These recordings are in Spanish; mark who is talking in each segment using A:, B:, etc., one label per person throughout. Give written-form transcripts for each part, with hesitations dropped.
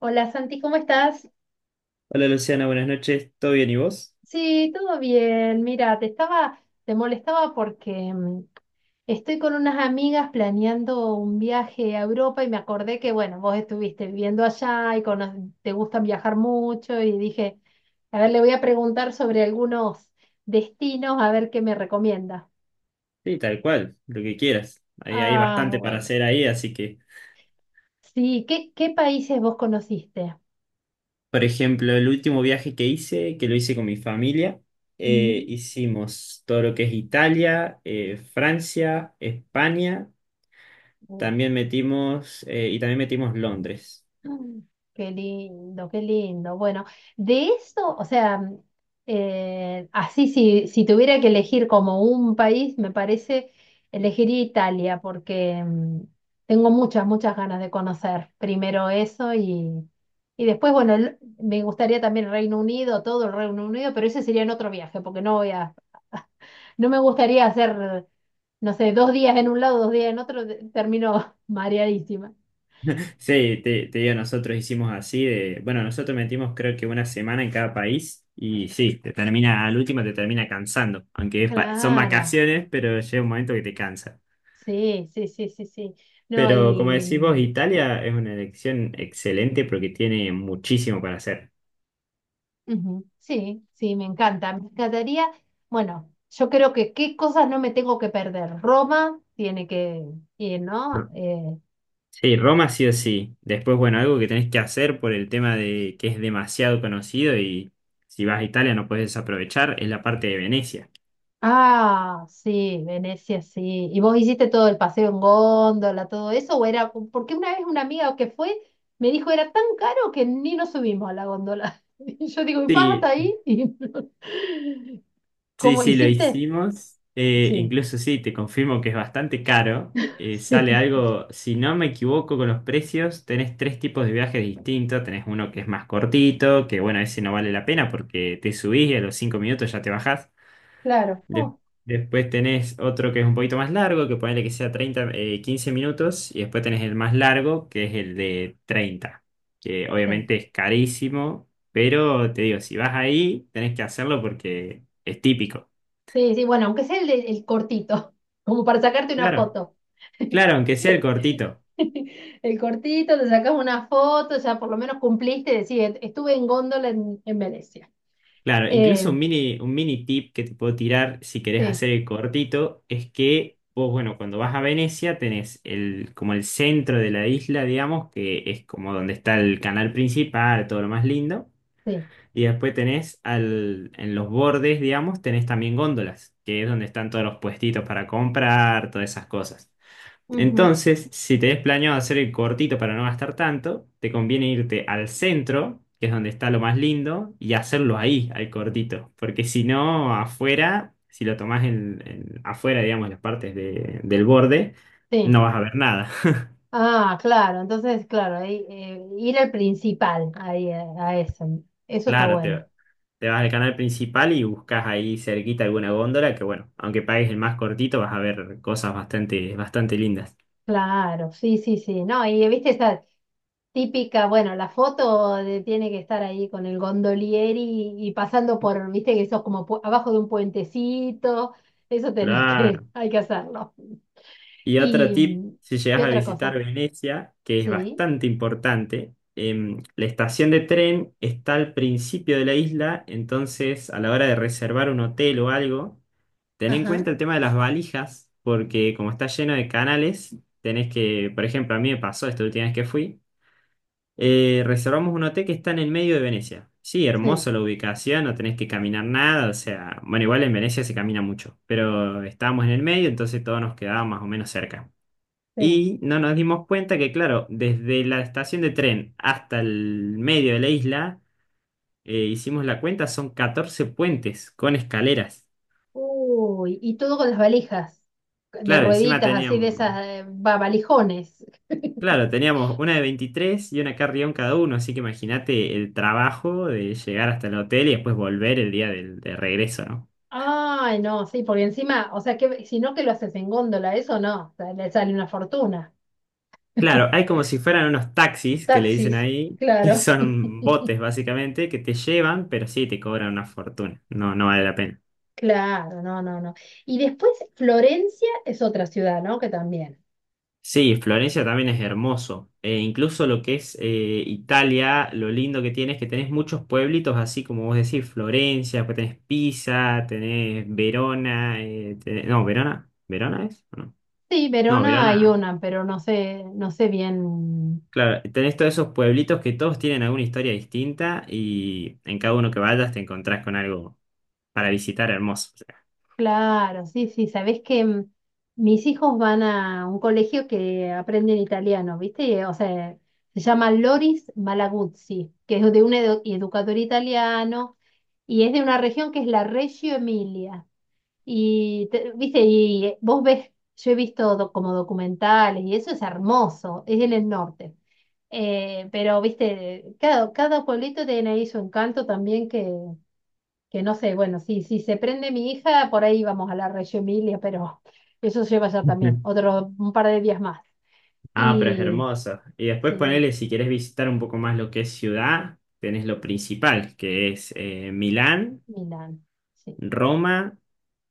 A: Hola Santi, ¿cómo estás?
B: Hola Luciana, buenas noches. ¿Todo bien y vos?
A: Sí, todo bien. Mira, te estaba, te molestaba porque estoy con unas amigas planeando un viaje a Europa y me acordé que, bueno, vos estuviste viviendo allá y te gusta viajar mucho y dije, a ver, le voy a preguntar sobre algunos destinos, a ver qué me recomienda.
B: Sí, tal cual, lo que quieras. Hay
A: Ah,
B: bastante para
A: bueno.
B: hacer ahí, así que,
A: Sí, ¿qué países vos conociste?
B: por ejemplo, el último viaje que hice, que lo hice con mi familia,
A: Ujú.
B: hicimos todo lo que es Italia, Francia, España,
A: Uy.
B: también metimos Londres.
A: Mm. Qué lindo, qué lindo. Bueno, de eso, o sea, así si tuviera que elegir como un país, me parece, elegiría Italia porque tengo muchas, muchas ganas de conocer primero eso y después, bueno, me gustaría también Reino Unido, todo el Reino Unido, pero ese sería en otro viaje porque no voy a, no me gustaría hacer, no sé, dos días en un lado, dos días en otro, termino mareadísima.
B: Sí, te digo, nosotros hicimos así de, bueno, nosotros metimos creo que una semana en cada país y sí, te termina, al último te termina cansando, aunque son
A: Claro.
B: vacaciones, pero llega un momento que te cansa.
A: Sí, sí, sí, sí, sí. No,
B: Pero como
A: y
B: decís vos, Italia es una elección excelente porque tiene muchísimo para hacer.
A: ujú, sí, sí, me encanta. Me encantaría, bueno, yo creo que qué cosas no me tengo que perder. Roma tiene que ir, ¿no?
B: R- Sí, Roma sí o sí. Después, bueno, algo que tenés que hacer por el tema de que es demasiado conocido y si vas a Italia no puedes desaprovechar es la parte de Venecia.
A: Ah, sí, Venecia, sí. ¿Y vos hiciste todo el paseo en góndola, todo eso? ¿O era, porque una vez una amiga que fue me dijo era tan caro que ni nos subimos a la góndola? Y yo digo, ¿y pasa hasta
B: Sí.
A: ahí? Y no.
B: Sí,
A: ¿Cómo
B: sí, lo
A: hiciste?
B: hicimos.
A: Sí,
B: Incluso sí, te confirmo que es bastante caro. Sale
A: sí,
B: algo, si no me equivoco con los precios, tenés tres tipos de viajes distintos. Tenés uno que es más cortito, que bueno, ese no vale la pena porque te subís y a los 5 minutos ya te bajás.
A: claro.
B: De-
A: Oh.
B: después tenés otro que es un poquito más largo, que ponele que sea 30 15 minutos. Y después tenés el más largo, que es el de 30 que
A: Sí,
B: obviamente es carísimo, pero te digo, si vas ahí, tenés que hacerlo porque es típico.
A: sí, sí, bueno, aunque sea el, el cortito, como para sacarte una
B: Claro,
A: foto.
B: claro, aunque sea el cortito.
A: El cortito, te sacas una foto, ya por lo menos cumpliste, decir, estuve en góndola en Venecia.
B: Claro, incluso
A: Eh,
B: un mini tip que te puedo tirar si querés
A: sí,
B: hacer el cortito es que vos, bueno, cuando vas a Venecia tenés el, como el centro de la isla, digamos, que es como donde está el canal principal, todo lo más lindo.
A: sí,
B: Y después tenés al, en los bordes, digamos, tenés también góndolas, que es donde están todos los puestitos para comprar, todas esas cosas.
A: ujú,
B: Entonces, si tenés planeado hacer el cortito para no gastar tanto, te conviene irte al centro, que es donde está lo más lindo, y hacerlo ahí, al cortito. Porque si no, afuera, si lo tomás afuera, digamos, las partes de- del borde,
A: sí.
B: no vas a ver nada.
A: Ah, claro, entonces, claro, ahí, ir al principal, ahí, a eso. Eso está
B: Claro, te,
A: bueno.
B: te vas al canal principal y buscas ahí cerquita alguna góndola, que bueno, aunque pagues el más cortito, vas a ver cosas bastante, bastante lindas.
A: Claro, sí, sí, sí. No, y viste esa típica, bueno, la foto tiene que estar ahí con el gondolieri y pasando por, viste que sos como abajo de un puentecito, eso tenés que,
B: Claro.
A: hay que hacerlo.
B: Y otro
A: ¿Y
B: tip, si llegas
A: qué
B: a
A: otra
B: visitar
A: cosa?
B: Venecia, que es
A: Sí,
B: bastante importante, la estación de tren está al principio de la isla, entonces a la hora de reservar un hotel o algo, ten en
A: ajá,
B: cuenta el tema de las valijas, porque como está lleno de canales, tenés que, por ejemplo, a mí me pasó esta última vez que fui, reservamos un hotel que está en el medio de Venecia. Sí,
A: sí,
B: hermoso la ubicación, no tenés que caminar nada, o sea, bueno, igual en Venecia se camina mucho, pero estábamos en el medio, entonces todo nos quedaba más o menos cerca.
A: sí.
B: Y no nos dimos cuenta que, claro, desde la estación de tren hasta el medio de la isla, hicimos la cuenta, son 14 puentes con escaleras.
A: Uy, y todo con las valijas, de
B: Claro, encima
A: rueditas así, de
B: teníamos,
A: esas, valijones.
B: claro, teníamos una de 23 y una carrión cada uno, así que imagínate el trabajo de llegar hasta el hotel y después volver el día del, de regreso, ¿no?
A: Ay, no, sí, porque encima, o sea, que si no que lo haces en góndola, eso no, o sea, le sale una fortuna.
B: Claro, hay como si fueran unos taxis que le dicen
A: Taxis,
B: ahí, que
A: claro,
B: son botes básicamente, que te llevan, pero sí te cobran una fortuna. No, no vale la pena.
A: claro, no, no, no. Y después Florencia es otra ciudad, ¿no? Que también.
B: Sí, Florencia también es hermoso. Incluso lo que es Italia, lo lindo que tiene es que tenés muchos pueblitos, así como vos decís, Florencia, pues tenés Pisa, tenés Verona, tenés- no, Verona, ¿Verona es? No,
A: Sí,
B: no,
A: Verona hay
B: Verona.
A: una, pero no sé, no sé bien.
B: Claro, tenés todos esos pueblitos que todos tienen alguna historia distinta y en cada uno que vayas te encontrás con algo para visitar hermoso. O
A: Claro, sí, sí, sabés que mis hijos van a un colegio que aprenden italiano, ¿viste? O sea, se llama Loris Malaguzzi, que es de un educador italiano y es de una región que es la Reggio Emilia. Y, viste, y vos ves, yo he visto como documentales y eso es hermoso, es en el norte. Pero, viste, cada, cada pueblito tiene ahí su encanto también que no sé, bueno, si, si se prende mi hija, por ahí vamos a la Reggio Emilia, pero eso lleva ya
B: sea.
A: también, otro, un par de días más.
B: Ah, pero es
A: Y
B: hermoso. Y después
A: sí,
B: ponele, si querés visitar un poco más lo que es ciudad, tenés lo principal, que es Milán,
A: Milán, sí.
B: Roma,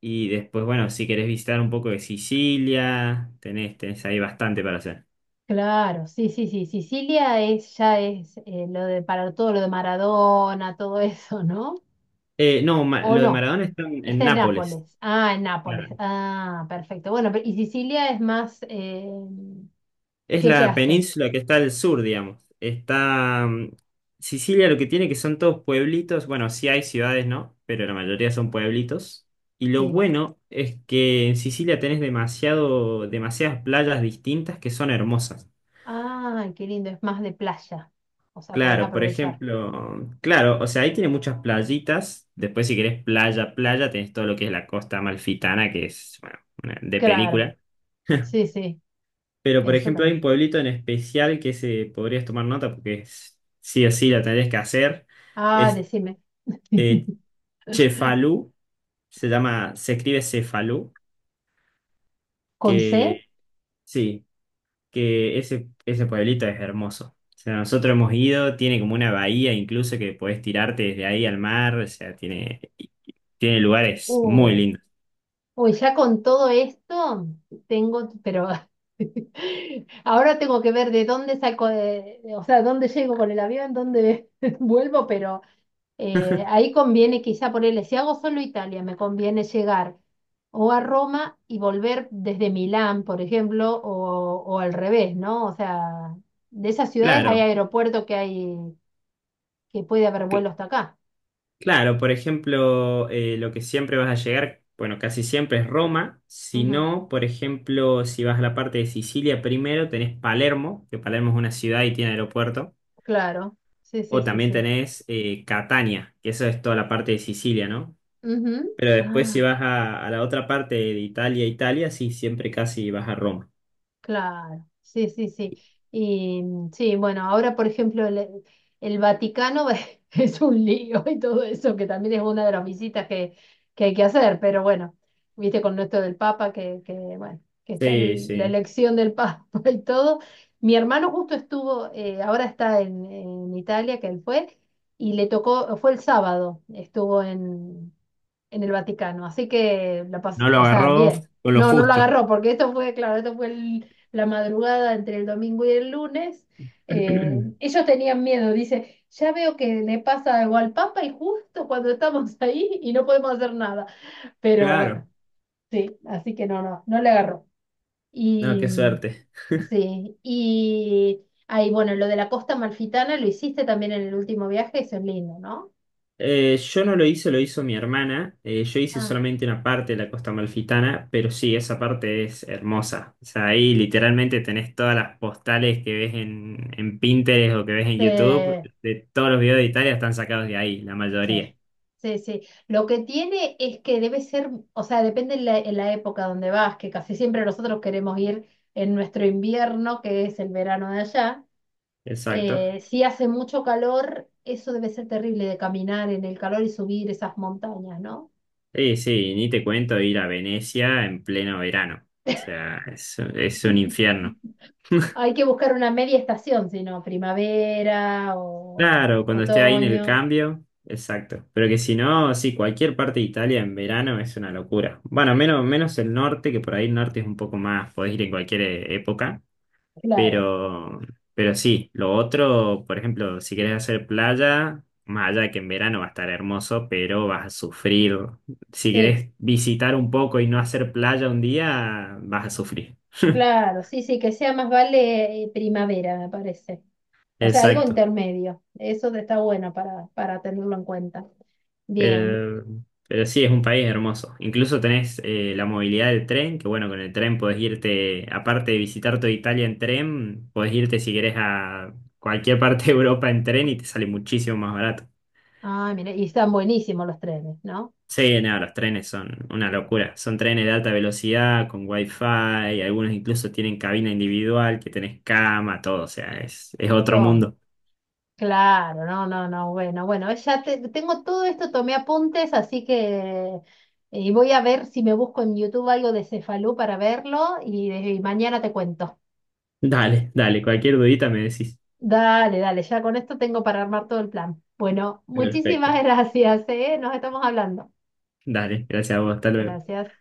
B: y después, bueno, si querés visitar un poco de Sicilia, tenés ahí bastante para hacer.
A: Claro, sí, sí, sí, Sicilia es, ya es lo de, para todo lo de Maradona, todo eso, ¿no?
B: No,
A: ¿O
B: lo de
A: no?
B: Maradona está en
A: Está en
B: Nápoles.
A: Nápoles. Ah, en Nápoles.
B: Claro.
A: Ah, perfecto. Bueno, y Sicilia es más…
B: Es
A: ¿qué se
B: la
A: hace?
B: península que está al sur, digamos. Está Sicilia, lo que tiene que son todos pueblitos. Bueno, sí hay ciudades, ¿no? Pero la mayoría son pueblitos. Y lo
A: Sí.
B: bueno es que en Sicilia tenés demasiadas playas distintas que son hermosas.
A: Ah, qué lindo. Es más de playa. O sea, podés
B: Claro, por
A: aprovechar.
B: ejemplo, claro, o sea, ahí tiene muchas playitas. Después, si querés playa, playa, tenés todo lo que es la costa amalfitana, que es, bueno, de
A: Claro.
B: película.
A: Sí, sí.
B: Pero, por
A: Eso
B: ejemplo, hay un
A: también.
B: pueblito en especial que se podrías tomar nota porque es- sí o sí la tendrías que hacer.
A: Ah,
B: Es
A: decime.
B: eh, Cefalú, se llama, se escribe Cefalú,
A: ¿Con C?
B: que sí, que ese pueblito es hermoso. O sea, nosotros hemos ido, tiene como una bahía incluso que podés tirarte desde ahí al mar, o sea, tiene, tiene lugares muy
A: Uh,
B: lindos.
A: uy, ya con todo esto tengo… Pero ahora tengo que ver de dónde saco… o sea, dónde llego con el avión, dónde vuelvo, pero… ahí conviene quizá ponerle, si hago solo Italia, me conviene llegar o a Roma y volver desde Milán, por ejemplo, o al revés, ¿no? O sea, de esas ciudades hay
B: Claro.
A: aeropuerto que hay, que puede haber vuelo hasta acá.
B: Claro, por ejemplo, lo que siempre vas a llegar, bueno, casi siempre es Roma. Si
A: Ujú,
B: no, por ejemplo, si vas a la parte de Sicilia primero, tenés Palermo, que Palermo es una ciudad y tiene aeropuerto.
A: claro, sí, sí,
B: O
A: sí,
B: también
A: sí.
B: tenés Catania, que eso es toda la parte de Sicilia, ¿no?
A: Ujú.
B: Pero después si
A: Ah.
B: vas a la otra parte de Italia, Italia, sí, siempre casi vas a Roma.
A: Claro, sí, sí, sí. Y sí, bueno, ahora por ejemplo el Vaticano es un lío y todo eso, que también es una de las visitas que hay que hacer, pero bueno, viste con esto del Papa, que bueno, que está
B: Sí,
A: la
B: sí.
A: elección del Papa y todo. Mi hermano justo estuvo, ahora está en Italia, que él fue, y le tocó, fue el sábado, estuvo en el Vaticano. Así que la pasó,
B: No lo
A: o sea,
B: agarró
A: bien.
B: con lo
A: No, no lo
B: justo.
A: agarró, porque esto fue, claro, esto fue la madrugada entre el domingo y el lunes. Ellos tenían miedo, dice, ya veo que le pasa algo al Papa y justo cuando estamos ahí y no podemos hacer nada. Pero
B: Claro.
A: bueno, sí, así que no, no, no le agarró.
B: No,
A: Y
B: qué suerte.
A: sí, y ahí, bueno, lo de la costa amalfitana lo hiciste también en el último viaje, eso es lindo, ¿no?
B: Yo no lo hice, lo hizo mi hermana. Yo hice
A: Ah,
B: solamente una parte de la Costa Amalfitana, pero sí, esa parte es hermosa. O sea, ahí literalmente tenés todas las postales que ves en Pinterest o que ves en
A: sí.
B: YouTube. De todos los videos de Italia están sacados de ahí, la
A: Sí,
B: mayoría.
A: sí, sí. Lo que tiene es que debe ser, o sea, depende en la época donde vas, que casi siempre nosotros queremos ir en nuestro invierno, que es el verano de allá.
B: Exacto.
A: Si hace mucho calor, eso debe ser terrible de caminar en el calor y subir esas montañas, ¿no?
B: Sí, sí, ni te cuento ir a Venecia en pleno verano. O sea, es un infierno.
A: Hay que buscar una media estación, sino primavera o
B: Claro, cuando esté ahí en el
A: otoño.
B: cambio, exacto. Pero que si no, sí, cualquier parte de Italia en verano es una locura. Bueno, menos, menos el norte, que por ahí el norte es un poco más, podés ir en cualquier época,
A: Claro,
B: pero, pero sí, lo otro, por ejemplo, si querés hacer playa, más allá de que en verano va a estar hermoso, pero vas a sufrir. Si
A: sí.
B: querés visitar un poco y no hacer playa un día, vas a sufrir.
A: Claro, sí, sí, que sea más vale primavera, me parece. O sea, algo
B: Exacto.
A: intermedio. Eso está bueno para tenerlo en cuenta. Bien.
B: Pero, pero sí, es un país hermoso. Incluso tenés la movilidad del tren, que bueno, con el tren podés irte, aparte de visitar toda Italia en tren, podés irte si querés a cualquier parte de Europa en tren y te sale muchísimo más barato.
A: Ah, mira, y están buenísimos los trenes, ¿no?
B: Sí, nada, los trenes son una locura. Son trenes de alta velocidad, con wifi, algunos incluso tienen cabina individual, que tenés cama, todo, o sea, es otro
A: Todo.
B: mundo.
A: Claro, no, no, no, bueno, bueno, ya tengo todo esto, tomé apuntes, así que y voy a ver si me busco en YouTube algo de Cefalú para verlo y mañana te cuento.
B: Dale, dale, cualquier dudita me decís.
A: Dale, dale, ya con esto tengo para armar todo el plan. Bueno,
B: Perfecto.
A: muchísimas gracias, ¿eh? Nos estamos hablando.
B: Dale, gracias a vos, hasta luego.
A: Gracias.